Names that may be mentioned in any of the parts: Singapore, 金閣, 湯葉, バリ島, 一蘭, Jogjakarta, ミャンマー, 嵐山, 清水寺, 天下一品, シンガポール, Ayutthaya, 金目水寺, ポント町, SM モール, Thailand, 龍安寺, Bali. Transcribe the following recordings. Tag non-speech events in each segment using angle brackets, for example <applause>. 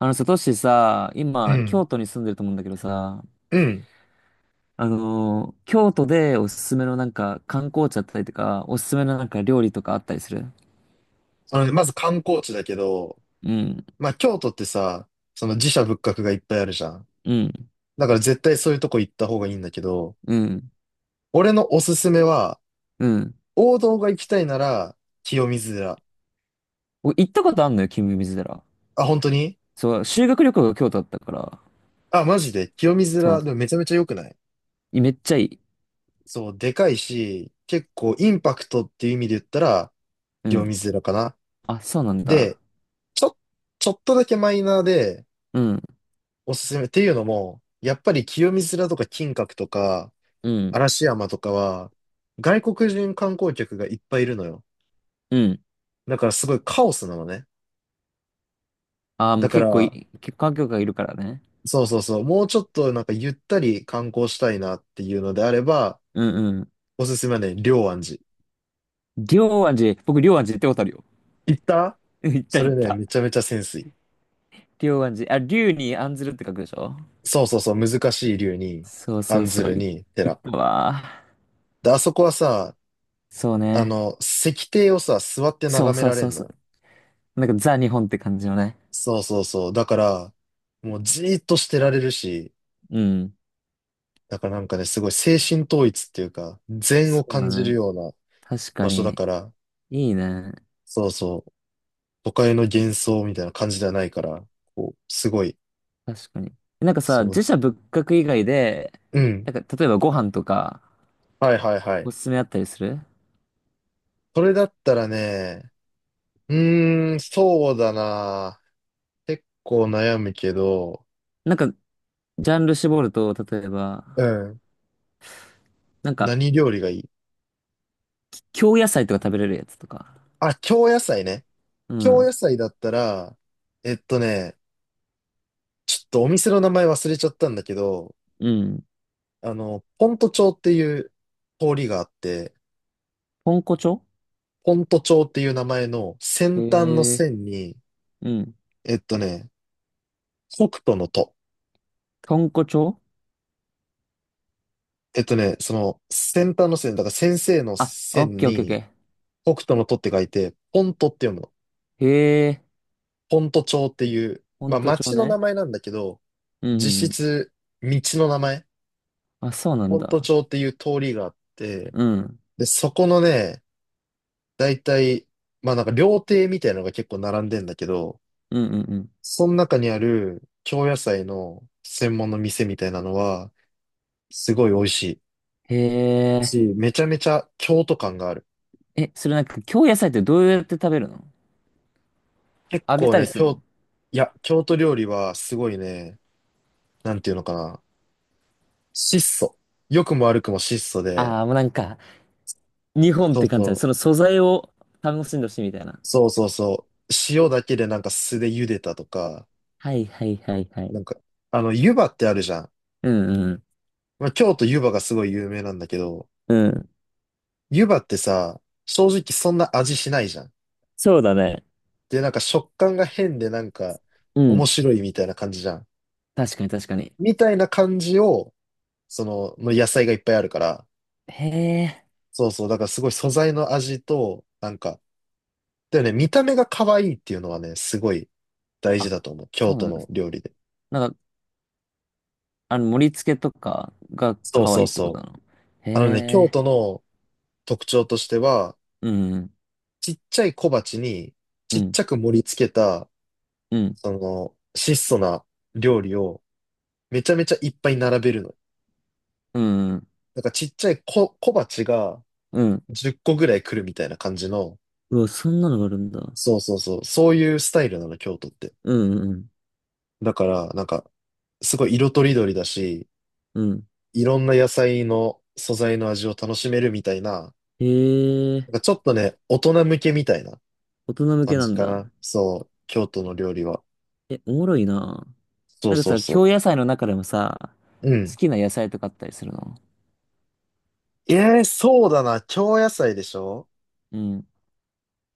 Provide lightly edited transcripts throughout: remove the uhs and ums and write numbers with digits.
あのさ、トシさ、う今、ん。京都に住んでると思うんだけどさ、うん。京都でおすすめのなんか観光地だったりとか、おすすめのなんか料理とかあったりする？あのね、まず観光地だけど、うん、まあ京都ってさ、その寺社仏閣がいっぱいあるじゃん。うん、だから絶対そういうとこ行った方がいいんだけど、うん、俺のおすすめは、うん。王道が行きたいなら、清水寺。お行ったことあんのよ、金目水寺。あ、本当に、そう、修学旅行が京都だったから、あ、マジで清水そう、寺、でもめちゃめちゃ良くない？めっちゃいい。そう、でかいし、結構インパクトっていう意味で言ったら、う清ん。水寺かな。あ、そうなんだ。で、ちょ、ちょっとだけマイナーでうん、おすすめっていうのも、やっぱり清水寺とか金閣とか、うん、嵐山とかは、外国人観光客がいっぱいいるのよ。うん。だからすごいカオスなのね。ああ、もだうから、結構観光客がいるからね。そうそうそう、もうちょっとなんかゆったり観光したいなっていうのであれば、うん、うん。おすすめはね、龍安寺。龍安寺、僕龍安寺行ったことあるよ。行った？ <laughs> うん行ったそ行れっね、た。めちゃめちゃセンスいい。龍安寺、あ、龍に安ずるって書くでしょ？そうそうそう、難しい龍に、そうそう案ずそう、るに、行っ寺。たわ。で、あそこはさ、そうあね。の、石庭をさ、座ってそう眺めそうられそうんのそよ。う。なんかザ日本って感じのね。そうそうそう。だから、もうじーっとしてられるし、うん。だからなんかね、すごい精神統一っていうか、禅そをう感だじるね。ような確場か所だに。から、いいね。そうそう、都会の幻想みたいな感じではないから、こう、すごい、確かに。なんかさ、そう、自社仏閣以外で、うん。なんか例えばご飯とかはいはいはい。おすすめあったりする？それだったらね、うそうだな。結構悩むけど、なんかジャンル絞ると、例えうば、ん。なんか何料理がいい？京野菜とか食べれるやつとか。あ、京野菜ね。う京ん。野菜だったら、えっとね、ちょっとお店の名前忘れちゃったんだけど、うん。あの、ポント町っていう通りがあって、豚骨町？フォント帳っていう名前の先端のへえ。線に、うん。えっとね、北斗のと、豚骨町？その先端の線、だから先生のあ、オッ線ケーオッケーオにッケ北斗のとって書いて、ポントって読むの。ー。へえ。ポント町っていう、ま豚あ骨町町の名ね。前なんだけど、うんうん実うん。質道の名前、あ、そうなんポントだ。町っていう通りがあって、うん。で、そこのね、だいたい、まあなんか料亭みたいなのが結構並んでんだけど、うんうんうん。その中にある京野菜の専門の店みたいなのは、すごい美味しいへえ。し、めちゃめちゃ京都感がある。え、それなんか、京野菜ってどうやって食べるの？結揚げ構たりね、するの？京、いや、京都料理はすごいね、なんていうのかな、質素。良くも悪くも質素で、ああー、もうなんか、日本っそうて感じそだね。う、その素材を楽しんでほしいみたいな。そうそうそう、塩だけでなんか酢で茹でたとか、はいはいはいはない。んか、あの、湯葉ってあるじゃん。うんうん。まあ、京都湯葉がすごい有名なんだけど、うん。湯葉ってさ、正直そんな味しないじゃん。そうだね。で、なんか食感が変でなんかう面ん。白いみたいな感じじゃん。確かに確かに。みたいな感じを、その、の野菜がいっぱいあるから。へえ。そうそう。だからすごい素材の味と、なんか、だよね、見た目が可愛いっていうのはね、すごい大事あ、だと思う。そ京うな都んでのす。料理で。なんか、盛り付けとかがそう可そ愛いうってことそなう。の？へあのね、京え。都の特徴としては、うん。ちっちゃい小鉢にうちっんちゃく盛り付けた、うん。その、質素な料理をめちゃめちゃいっぱい並べるの。うんうん。なんかちっちゃい小、小鉢がうん。10個ぐらい来るみたいな感じの、うわ、そんなのがあるんだ。そうそうそう、そういうスタイルなの、京都って。うんうんだから、なんか、すごい色とりどりだし、うん。うん。いろんな野菜の素材の味を楽しめるみたいな、へえ、なんかちょっとね、大人向けみたいな大人向け感なじんかだ。な。そう、京都の料理は。え、おもろいな。そうなんかそうさ、そう。京野菜の中でもさ、う好ん。きな野菜とかあったりするの？えそうだな。京野菜でしょ？うん。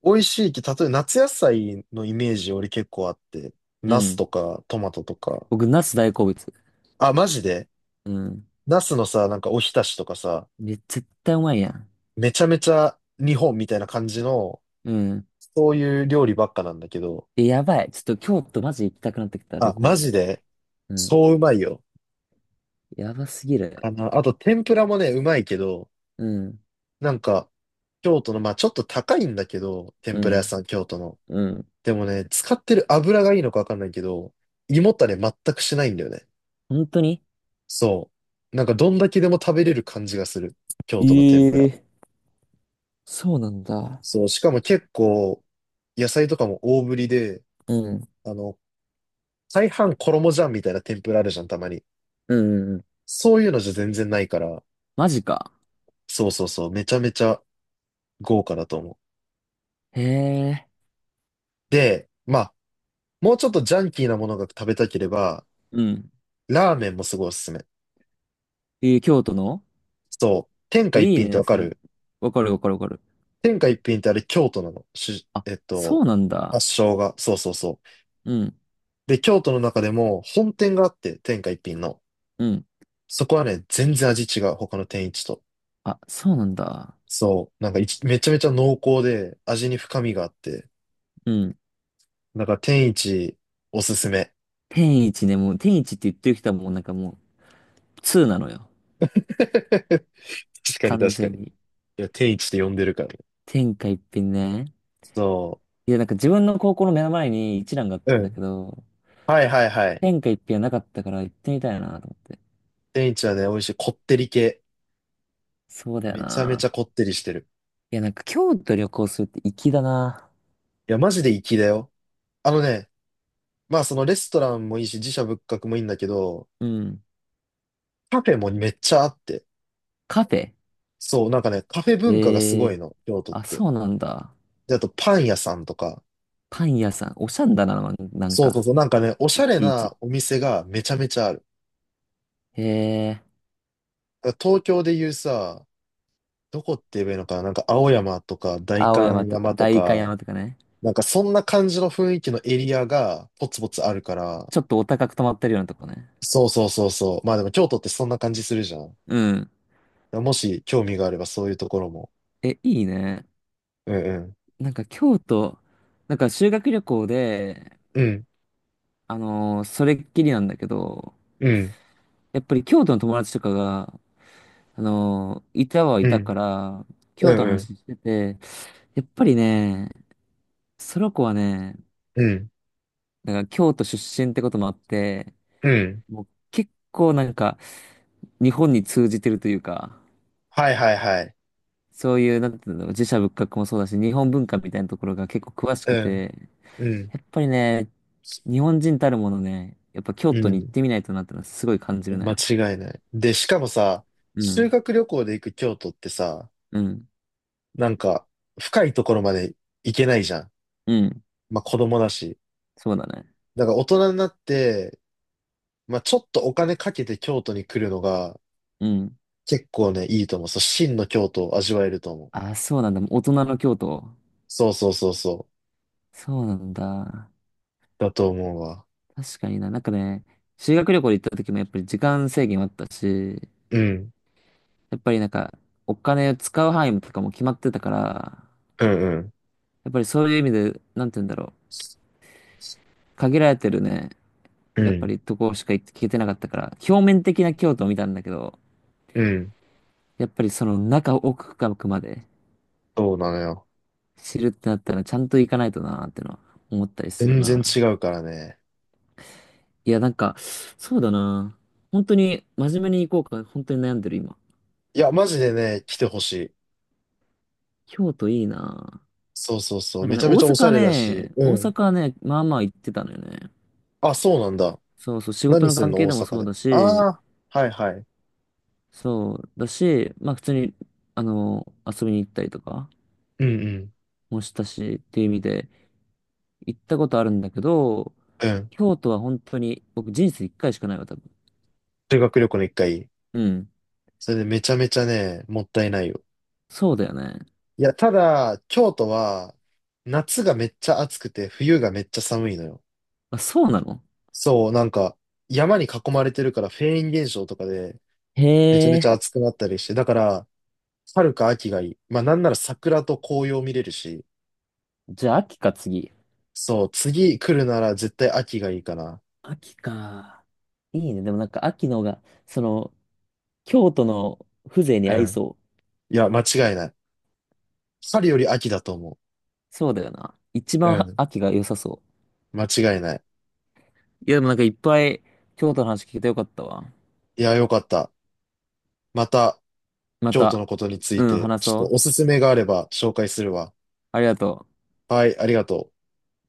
美味しい例えば夏野菜のイメージ俺結構あって、うナスん。とかトマトとか。僕、ナス大好物。あ、マジで？うん。ナスのさ、なんかおひたしとかさ、絶対うまいやん。めちゃめちゃ日本みたいな感じの、うん。そういう料理ばっかなんだけど、え、やばい。ちょっと京都マジ行きたくなってきた、旅あ、行マで。ジで、うん。そううまいよ。やばすぎる。あの、あと天ぷらもね、うまいけど、うん。なんか、京都の、まあちょっと高いんだけど、天うぷら屋ん。さん、京都の。うん。でもね、使ってる油がいいのかわかんないけど、胃もたれ全くしないんだよね。本当に？そう。なんかどんだけでも食べれる感じがする。京都の天ぷえら。え、そうなんだ。そう、しかも結構、野菜とかも大ぶりで、うん。あの、大半衣じゃんみたいな天ぷらあるじゃん、たまに。うんうんうん。そういうのじゃ全然ないから、マジか。そうそうそう、めちゃめちゃ豪華だと思う。へえ。で、まあ、もうちょっとジャンキーなものが食べたければ、うん。ラーメンもすごいおすすめ。えー、京都の？そう、天下一いい品ってね。わかる？わかるわかるわかる。天下一品ってあれ京都なの。し、あ、えっそと、うなんだ。発祥が。そうそうそう。うん、で、京都の中でも本店があって、天下一品の。うん。そこはね、全然味違う。他の天一と。あ、そうなんだ。そう、なんかいちめちゃめちゃ濃厚で、味に深みがあって、うん。なんか天一おすすめ。天一ね、もう、天一って言ってる人はもうなんかもう、通なのよ。<laughs> 確かに完確か全に。いに。や、天一って呼んでるからね。天下一品ね。そいや、なんか自分の高校の目の前に一蘭があっう。たうんだん。けど、はいはいはい。天下一品はなかったから行ってみたいなと思って。天一はね、美味しい。こってり系。そうだよめちゃめちな。ゃこってりしてる。いや、なんか京都旅行するって粋だな。いや、マジで粋だよ。あのね、まあそのレストランもいいし、自社仏閣もいいんだけど、うん。カフェもめっちゃあって。カフェ？そう、なんかね、カフェ文化がすええごいー。の、京都っあ、て。そうなんだ。で、あとパン屋さんとか。パン屋さん。おしゃんだな、なんそうそうか。そう、なんかね、おしいゃれちいち。なお店がめちゃめちゃある。へえ、だから東京でいうさ、どこって言えばいいのかな、なんか青山とか代青山官とか、山と代官か、山とかね。なんかそんな感じの雰囲気のエリアがポツポツあるから、ちょっとお高く泊まってるようなとこね。そうそうそうそう。まあでも京都ってそんな感じするじゃん。うん。もし興味があればそういうところも。え、いいね。うんうん。なんか京都、なんか修学旅行で、うん。それっきりなんだけど、うん。やっぱり京都の友達とかが、いたはいうたん。から、う京都んのうん。話してて、やっぱりね、その子はね、うん。なんか京都出身ってこともあって、うん。もう結構なんか、日本に通じてるというか、はいはいはい。そういう、なんていうの、寺社仏閣もそうだし、日本文化みたいなところが結構詳しうくん。て、うん。やっぱりね、日本人たるものね、やっぱ京う都に行っん。てみないとなってのはすごい感じる間ね。違いない。で、しかもさ、う修ん、学旅行で行く京都ってさ、うん、なんか深いところまで行けないじゃん。うん、まあ子供だし。そうだね。だから大人になって、まあちょっとお金かけて京都に来るのがうん。結構ね、いいと思う。そう、真の京都を味わえると思う。あ、そうなんだ。大人の京都。そうそうそうそう。そうなんだ。だと思うわ。確かにな。なんかね、修学旅行で行った時もやっぱり時間制限はあったし、うん。やっぱりなんか、お金を使う範囲とかも決まってたから、うんうん。やっぱりそういう意味で、なんて言うんだろう。限られてるね、うやっぱん。りとこしか行けてなかったから、表面的な京都を見たんだけど、うん。やっぱりその中奥深くまでそうなのよ。知るってなったらちゃんと行かないとなーってのは思ったりする全然な。違うからね。いや、なんか、そうだな。本当に真面目に行こうか、本当に悩んでる今。いや、マジでね、来てほしい。京都いいな。そうそうそう。なんかめね、ちゃ大めちゃおしゃ阪れだし。ね、大うん。阪はね、まあまあ行ってたのよね。あ、そうなんだ。そうそう、仕事何のすん関の係大でも阪そうで？だし、ああ、はいはい。そうだし、まあ普通に、遊びに行ったりとかうんうん。もしたしっていう意味で、行ったことあるんだけど、うん。京都は本当に、僕人生一回しかないわ、多分。修学旅行の一回。うん。それでめちゃめちゃね、もったいないよ。そうだよね。いや、ただ、京都は、夏がめっちゃ暑くて、冬がめっちゃ寒いのよ。あ、そうなの？そう、なんか、山に囲まれてるから、フェーン現象とかで、へめちゃめちゃえ。暑くなったりして、だから、春か秋がいい。まあ、なんなら桜と紅葉見れるし、じゃあ、秋か、次。そう、次来るなら絶対秋がいいかな。秋か。いいね。でもなんか、秋の方が、その、京都の風情にう合いん。そう？いや、間違いない。春より秋だと思そうだよな。一う。う番はん。秋が良さそ間違いない。う。いや、でもなんかいっぱい京都の話聞けてよかったわ。いや、よかった。また、ま京都た、のことにつういん、て、話ちょっそう。とおすすめがあれば紹介するわ。ありがとう。はい、ありがとう。